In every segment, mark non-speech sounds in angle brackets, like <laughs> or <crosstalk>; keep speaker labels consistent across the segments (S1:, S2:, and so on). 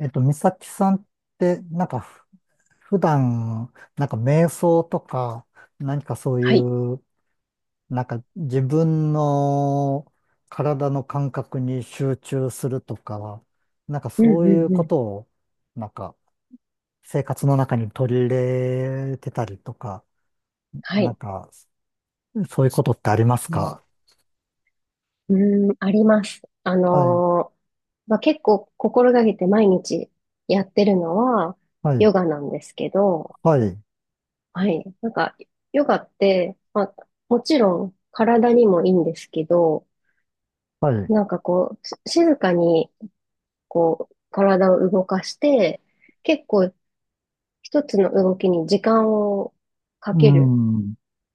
S1: 美咲さんって、なんか普段、なんか瞑想とか、何かそうい
S2: はい。
S1: う、なんか自分の体の感覚に集中するとか、なんか
S2: うんう
S1: そういう
S2: んう
S1: こ
S2: ん。
S1: とを、なんか生活の中に取り入れてたりとか、
S2: は
S1: なん
S2: い。
S1: か、そういうことってあります
S2: うん、
S1: か？
S2: うーんあります。
S1: はい、
S2: まあ、結構心がけて毎日やってるのは
S1: はい、
S2: ヨガなんですけど、
S1: はい、
S2: はい。なんか、ヨガって、まあ、もちろん体にもいいんですけど、
S1: はい。
S2: なんかこう、静かにこう、体を動かして、結構一つの動きに時間をか
S1: う
S2: ける
S1: ん、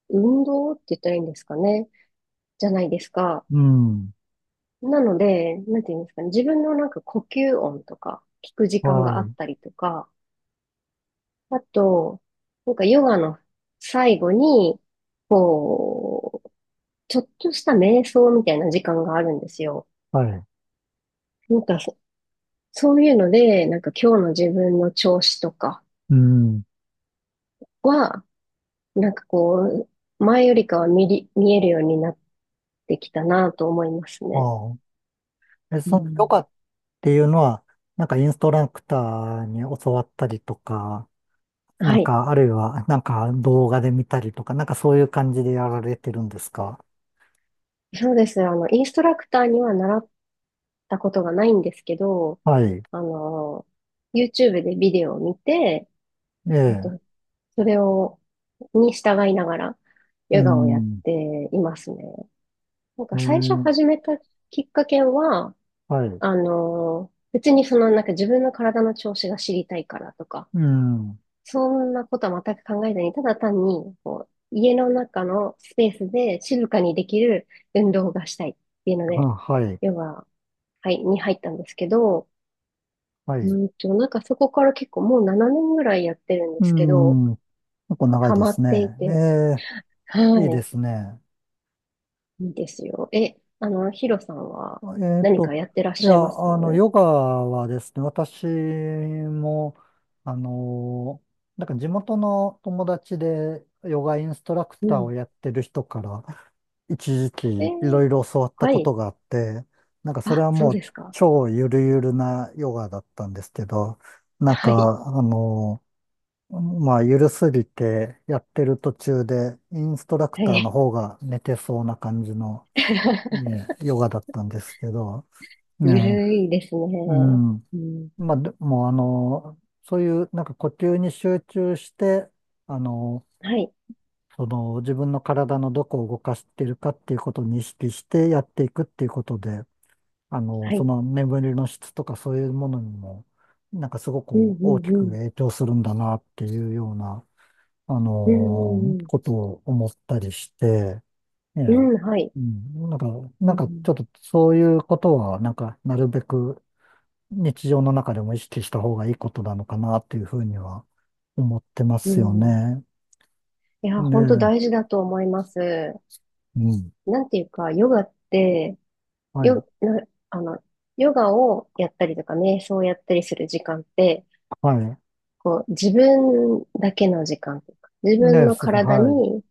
S2: 運動って言ったらいいんですかね、じゃないですか。
S1: うん、
S2: なので、なんていうんですかね、自分のなんか呼吸音とか聞く時間
S1: は
S2: があっ
S1: い、
S2: たりとか、あと、なんかヨガの最後に、こう、ちょっとした瞑想みたいな時間があるんですよ。
S1: はい、
S2: なんかそ、そういうので、なんか今日の自分の調子とか
S1: うん。
S2: は、なんかこう、前よりかは見えるようになってきたなと思いますね。
S1: ああ。え、
S2: う
S1: そのヨ
S2: ん。
S1: ガていうのは、なんかインストラクターに教わったりとか、
S2: は
S1: なん
S2: い。
S1: か、あるいは、なんか動画で見たりとか、なんかそういう感じでやられてるんですか？
S2: そうです。あの、インストラクターには習たことがないんですけど、
S1: はい。
S2: あの、YouTube でビデオを見て、
S1: え
S2: あ
S1: え。
S2: とそれを、に従いながら、
S1: う
S2: ヨガをやっ
S1: ん。
S2: ていますね。なん
S1: え
S2: か最初
S1: え。
S2: 始めたきっかけは、
S1: はい。
S2: あの、別にそのなんか自分の体の調子が知りたいからとか、
S1: うん。
S2: そんなことは全く考えずに、ただ単に、こう、家の中のスペースで静かにできる運動がしたいっていうの
S1: あ、
S2: で、
S1: はい。
S2: ヨガ、はい、に入ったんですけど、
S1: は
S2: う
S1: い。
S2: んと、なんかそこから結構もう7年ぐらいやってるんで
S1: う
S2: すけど、
S1: ん。結構長い
S2: ハ
S1: で
S2: マ
S1: す
S2: っ
S1: ね。
S2: てい
S1: え
S2: て、
S1: え。いい
S2: は
S1: ですね。
S2: い、いいですよ。え、あの、ヒロさんは
S1: えっ
S2: 何か
S1: と、
S2: やってらっ
S1: い
S2: し
S1: や、
S2: ゃいます？
S1: ヨガはですね、私も、あの、なんか地元の友達でヨガインストラク
S2: う
S1: ターを
S2: ん。
S1: やってる人から一時
S2: え
S1: 期い
S2: ー
S1: ろいろ教わった
S2: は
S1: こ
S2: い。
S1: とがあって、なんかそれ
S2: あ、
S1: は
S2: そう
S1: も
S2: で
S1: う
S2: すか。
S1: 超ゆるゆるなヨガだったんですけど、なん
S2: はい、
S1: か、まあ、ゆるすぎてやってる途中でインストラク
S2: は
S1: ターの
S2: い。
S1: 方が寝てそうな感じの、
S2: <laughs>
S1: ねヨガだったんですけど、
S2: ゆ
S1: ね
S2: るいです
S1: え、う
S2: ね。
S1: ん。
S2: うん、
S1: まあ、でも、そういう、なんか呼吸に集中して、あの、
S2: はい、
S1: その、自分の体のどこを動かしているかっていうことに意識してやっていくっていうことで、
S2: は
S1: そ
S2: い。
S1: の眠りの質とかそういうものにも、なんかすご
S2: うん、
S1: く
S2: う
S1: 大
S2: ん、
S1: き
S2: う
S1: く
S2: ん。
S1: 影響するんだなっていうような、あ
S2: う
S1: の、
S2: ん、う
S1: ことを思ったりして、え
S2: ん、
S1: え、
S2: うんはい。
S1: うん、なんか、
S2: う
S1: なんかちょ
S2: ん、
S1: っとそういうことは、なんか、なるべく、日常の中でも意識した方がいいことなのかなっていうふうには思ってま
S2: う
S1: す
S2: ん。
S1: よ
S2: うん
S1: ね。
S2: いや、
S1: ね
S2: 本当
S1: え。
S2: 大事だと思います。
S1: うん。
S2: なんていうか、ヨガって、
S1: はい。
S2: よ、な、あの、ヨガをやったりとか、瞑想をやったりする時間って、
S1: はい。
S2: こう、自分だけの時間とか、自分
S1: ねえ、
S2: の体
S1: はい。
S2: に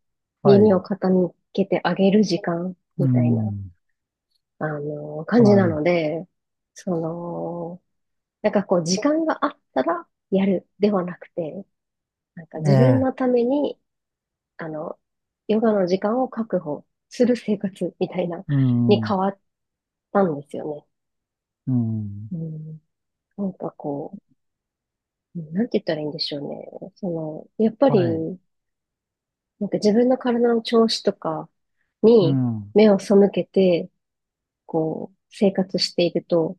S1: は
S2: 耳を
S1: い。
S2: 傾けてあげる時間
S1: う
S2: みたいな、
S1: ん。
S2: あの、感じ
S1: は
S2: な
S1: い。
S2: ので、その、なんかこう、時間があったらやるではなくて、なんか
S1: え
S2: 自分
S1: え。
S2: のために、あの、ヨガの時間を確保する生活みたいな、
S1: う
S2: に
S1: ん。
S2: 変わったんですよ
S1: うん。
S2: ね。うん。なんかこう、なんて言ったらいいんでしょうね。その、やっぱ
S1: はい。
S2: り、なんか自分の体の調子とか
S1: う
S2: に
S1: ん。
S2: 目を背けて、こう、生活していると、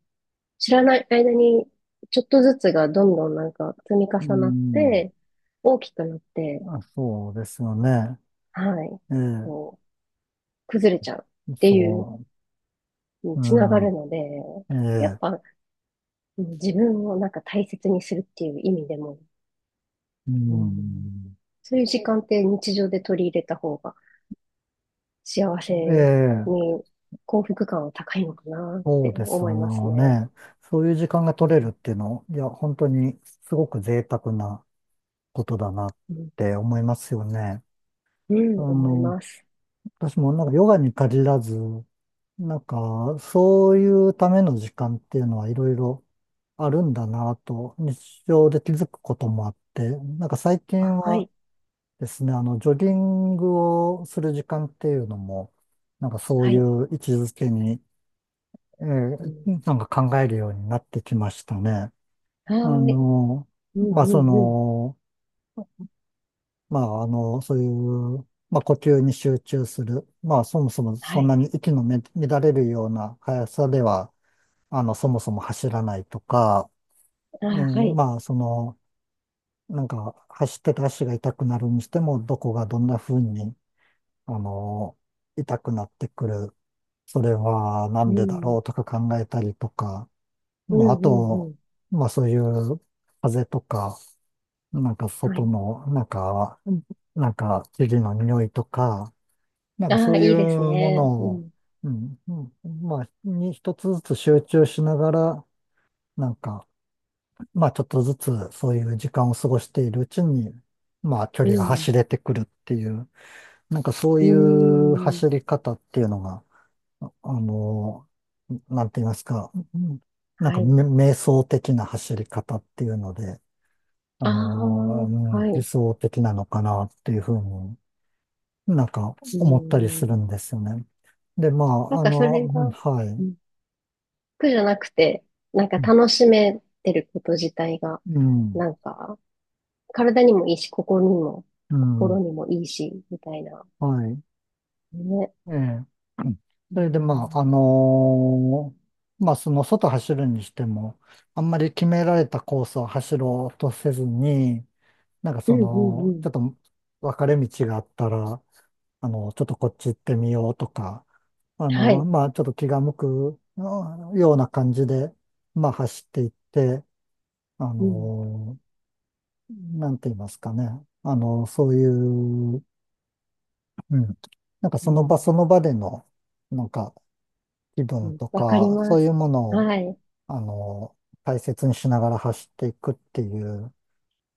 S2: 知らない間に、ちょっとずつがどんどんなんか積み
S1: う
S2: 重なっ
S1: ん。
S2: て、大きくなって、
S1: あ、そうですよね。
S2: はい、
S1: ええ。
S2: こう、崩れちゃうっていう
S1: そ
S2: に
S1: う。う
S2: つながる
S1: ん。
S2: ので、
S1: え
S2: やっ
S1: え。
S2: ぱ、うん自分をなんか大切にするっていう意味でも、
S1: う
S2: うん、
S1: ん。
S2: そういう時間って日常で取り入れた方が、幸せ
S1: で、
S2: に幸福感は高いのかなっ
S1: そ
S2: て
S1: うです
S2: 思います
S1: よ
S2: ね。
S1: ね。そういう時間が
S2: う
S1: 取れる
S2: ん、
S1: っていうの、いや、本当にすごく贅沢なことだなっ
S2: うん、
S1: て思いますよね。
S2: う
S1: あ
S2: ん思い
S1: の、
S2: ます。
S1: 私もなんかヨガに限らず、なんかそういうための時間っていうのはいろいろあるんだなと日常で気づくこともあって、なんか最近
S2: あ、は
S1: は
S2: い、
S1: ですね、ジョギングをする時間っていうのも、なんかそう
S2: は
S1: い
S2: い、
S1: う位置づけにえ
S2: う
S1: ー
S2: ん、
S1: なんか考えるようになってきましたね。
S2: は
S1: あ
S2: ーい、
S1: の、
S2: うん、
S1: まあ、
S2: う
S1: そ
S2: ん、うん、
S1: の、まあ、そういう、まあ、呼吸に集中する。まあ、そもそも
S2: は
S1: そん
S2: い、
S1: なに息の乱れるような速さでは、そもそも走らないとか、
S2: あ、はい、
S1: まあ、その、なんか、走ってた足が痛くなるにしても、どこがどんな風に、あの、痛くなってくる。それはな
S2: う
S1: んでだろ
S2: ん、
S1: うとか考えたりとか、
S2: うん、
S1: まあ、
S2: う
S1: あ
S2: ん、う
S1: と、
S2: ん、
S1: まあそういう風とか、なんか
S2: は
S1: 外
S2: い。
S1: の、なんか、なんか生地の匂いとか、なんかそ
S2: あ
S1: うい
S2: いいです
S1: うも
S2: ね。う
S1: のを、
S2: ん、
S1: うん、うん、まあ、に一つずつ集中しながら、なんか、まあちょっとずつそういう時間を過ごしているうちに、まあ距
S2: う
S1: 離が
S2: ん、
S1: 走れてくるっていう、なんかそう
S2: う
S1: いう
S2: ん、
S1: 走り方っていうのが、あの、なんて言いますか、うん、なん
S2: は
S1: か
S2: い。
S1: 瞑想的な走り方っていうので、
S2: ああ、
S1: うん、
S2: は
S1: 理
S2: い、
S1: 想的なのかなっていうふうになんか
S2: う
S1: 思ったりす
S2: ん。
S1: るんですよね。で、ま
S2: な
S1: あ、
S2: んかそれ
S1: うん、
S2: が、
S1: は
S2: う
S1: い。
S2: ん苦じゃなくて、なんか楽しめてること自体が、
S1: うん、
S2: なんか、体にもいいし、
S1: う
S2: 心
S1: ん、
S2: にもいいし、みたいな。
S1: はい。
S2: ね。
S1: ええ。うん、
S2: う
S1: それで、まあ、
S2: ん、
S1: まあ、その外走るにしても、あんまり決められたコースを走ろうとせずに、なんか
S2: う
S1: そ
S2: ん、うん、う
S1: の、ち
S2: ん。
S1: ょっと分かれ道があったら、ちょっとこっち行ってみようとか、
S2: はい。
S1: まあちょっと気が向くような感じで、まあ走っていって、あ
S2: うん、
S1: の、なんて言いますかね。そういう、うん、なんか
S2: う
S1: その場そ
S2: ん、
S1: の場での、なんか気
S2: う
S1: 分
S2: ん。
S1: と
S2: わかり
S1: か、
S2: ま
S1: そうい
S2: す。
S1: うものを、
S2: はい。
S1: あの、大切にしながら走っていくっていう、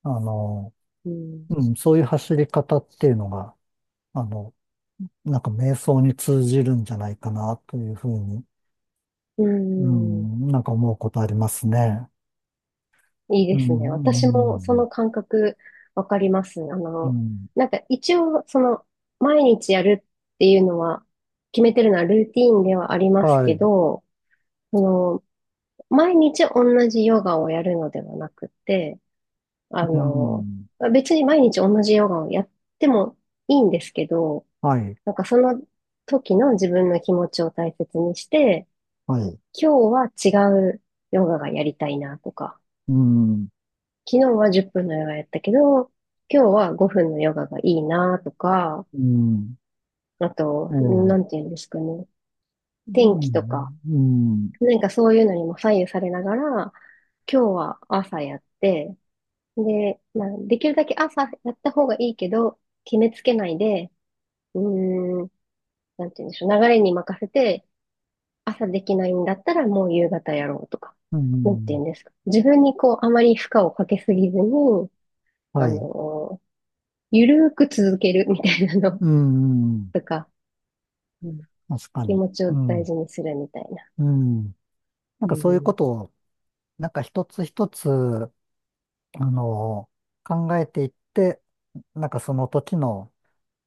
S1: あの、
S2: うん、
S1: うん、そういう走り方っていうのが、あの、なんか瞑想に通じるんじゃないかなというふうに、
S2: う
S1: う
S2: ん。
S1: ん、なんか思うことありますね。
S2: いい
S1: う
S2: ですね。
S1: ん、う
S2: 私もそ
S1: ん、
S2: の感覚わかります。あ
S1: う
S2: の、
S1: ん。
S2: なんか一応、その、毎日やるっていうのは、決めてるのはルーティーンではあります
S1: は
S2: け
S1: い、
S2: ど、その、毎日同じヨガをやるのではなくて、あ
S1: う
S2: の、
S1: ん、
S2: 別に毎日同じヨガをやってもいいんですけど、
S1: はい、
S2: なんかその時の自分の気持ちを大切にして、
S1: はい、
S2: 今日は違うヨガがやりたいなとか、
S1: うん、
S2: 昨日は10分のヨガやったけど、今日は5分のヨガがいいなとか、
S1: うん、
S2: あ
S1: ええ、
S2: と、
S1: う
S2: なんていうんですかね、天気とか、
S1: ん、うん、
S2: なんかそういうのにも左右されながら、今日は朝やって、で、まあ、できるだけ朝やった方がいいけど、決めつけないで、うーん、なんて言うんでしょう。流れに任せて、朝できないんだったらもう夕方やろうとか。
S1: う
S2: なんて言
S1: ん、
S2: うんですか。自分にこう、あまり負荷をかけすぎずに、
S1: は
S2: あ
S1: い、
S2: のーゆるーく続けるみたいなの
S1: うん、
S2: <laughs> とか、うん。
S1: 確か
S2: 気
S1: に、
S2: 持ちを
S1: う
S2: 大
S1: ん、
S2: 事にするみたいな。
S1: うん。なん
S2: う
S1: かそういうこ
S2: ん。
S1: とを、なんか一つ一つ、あの、考えていって、なんかその時の、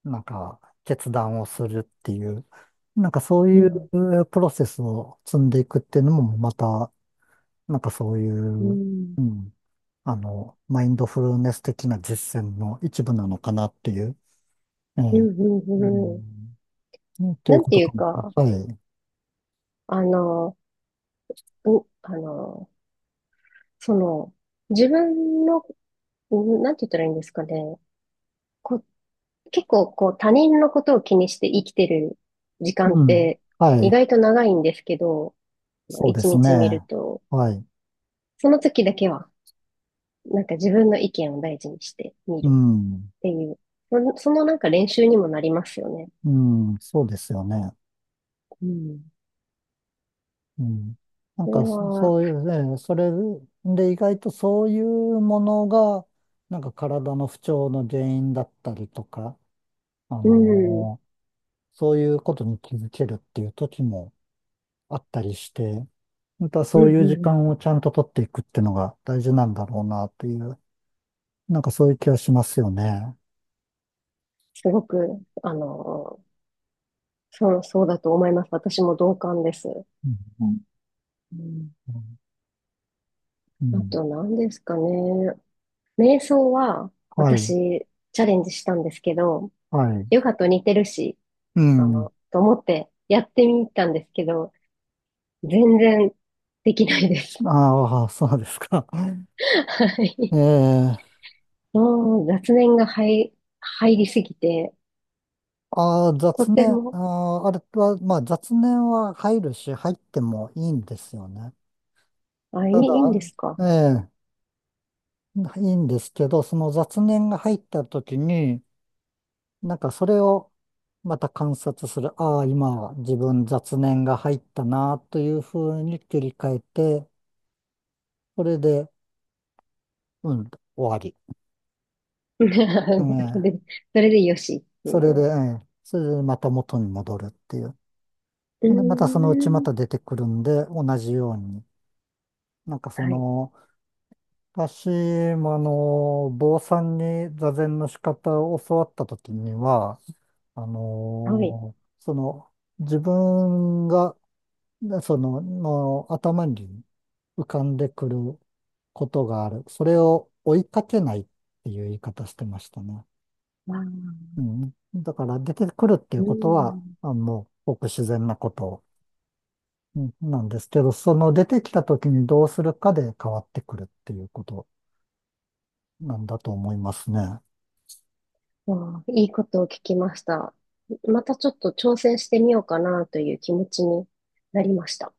S1: なんか決断をするっていう、なんかそう
S2: う
S1: い
S2: ん、
S1: うプロセスを積んでいくっていうのもまた、なんかそうい
S2: う
S1: う、
S2: ん、
S1: うん、マインドフルネス的な実践の一部なのかなっていう、ええ、
S2: うん、う
S1: う
S2: ん、うん。
S1: ん、うんとい
S2: な
S1: う
S2: ん
S1: こ
S2: て
S1: と
S2: い
S1: か
S2: う
S1: も。
S2: か、
S1: はい。
S2: あのー、う、あのー、その、自分の、うんなんて言ったらいいんですかね。こ、結構こう他人のことを気にして生きてる時間っ
S1: うん。
S2: て
S1: は
S2: 意
S1: い。
S2: 外と長いんですけど、
S1: そうで
S2: 一
S1: す
S2: 日見る
S1: ね。
S2: と、
S1: はい。
S2: その時だけはなんか自分の意見を大事にして見
S1: う
S2: る
S1: ん。
S2: っていう、そのなんか練習にもなりますよね。
S1: うん。そうですよね。
S2: うん。
S1: うん。なん
S2: そ
S1: か
S2: れは、
S1: そういうね、それで意外とそういうものが、なんか体の不調の原因だったりとか、あ
S2: うん、うん、
S1: のーそういうことに気づけるっていう時もあったりして、またそ
S2: う
S1: う
S2: ん、
S1: いう時
S2: うん
S1: 間をちゃんと取っていくっていうのが大事なんだろうなっていう、なんかそういう気がしますよね。
S2: すごく、あの、そうだと思います。私も同感です。
S1: うん。
S2: うん。
S1: うん。
S2: あと何ですかね。瞑想は
S1: はい。
S2: 私チャレンジしたんですけど、
S1: はい。
S2: ヨガと似てるし、
S1: う
S2: あ
S1: ん。
S2: の、と思ってやってみたんですけど、全然できないです。
S1: ああ、そうですか。<laughs>
S2: <laughs> はい。
S1: ええ、
S2: もう雑念が入、入りすぎて、
S1: ああ、
S2: と
S1: 雑
S2: て
S1: 念、
S2: も、
S1: あれは、まあ雑念は入るし、入ってもいいんですよね。
S2: あ、い
S1: ただ、
S2: いんですか？
S1: ええ、いいんですけど、その雑念が入った時に、なんかそれをまた観察する。ああ、今自分雑念が入ったな、というふうに切り替えて、それで、うん、終わり。
S2: <laughs> そ
S1: ええ、
S2: れで、それでよしってい
S1: それで、
S2: う。
S1: ええ、それでまた元に戻るっていう。
S2: うー
S1: で、またそのうちま
S2: ん。
S1: た出てくるんで、同じように。なんかそ
S2: はい。
S1: の、私もあの、坊さんに座禅の仕方を教わったときには、あ
S2: はい。
S1: の、その、自分が、その、頭に浮かんでくることがある。それを追いかけないっていう言い方してましたね。
S2: わあ、
S1: うん。だから出てくるってい
S2: う
S1: うことは、
S2: ん。
S1: あ、もう、ごく自然なこと、うん、なんですけど、その出てきたときにどうするかで変わってくるっていうことなんだと思いますね。
S2: わあ、いいことを聞きました。またちょっと挑戦してみようかなという気持ちになりました。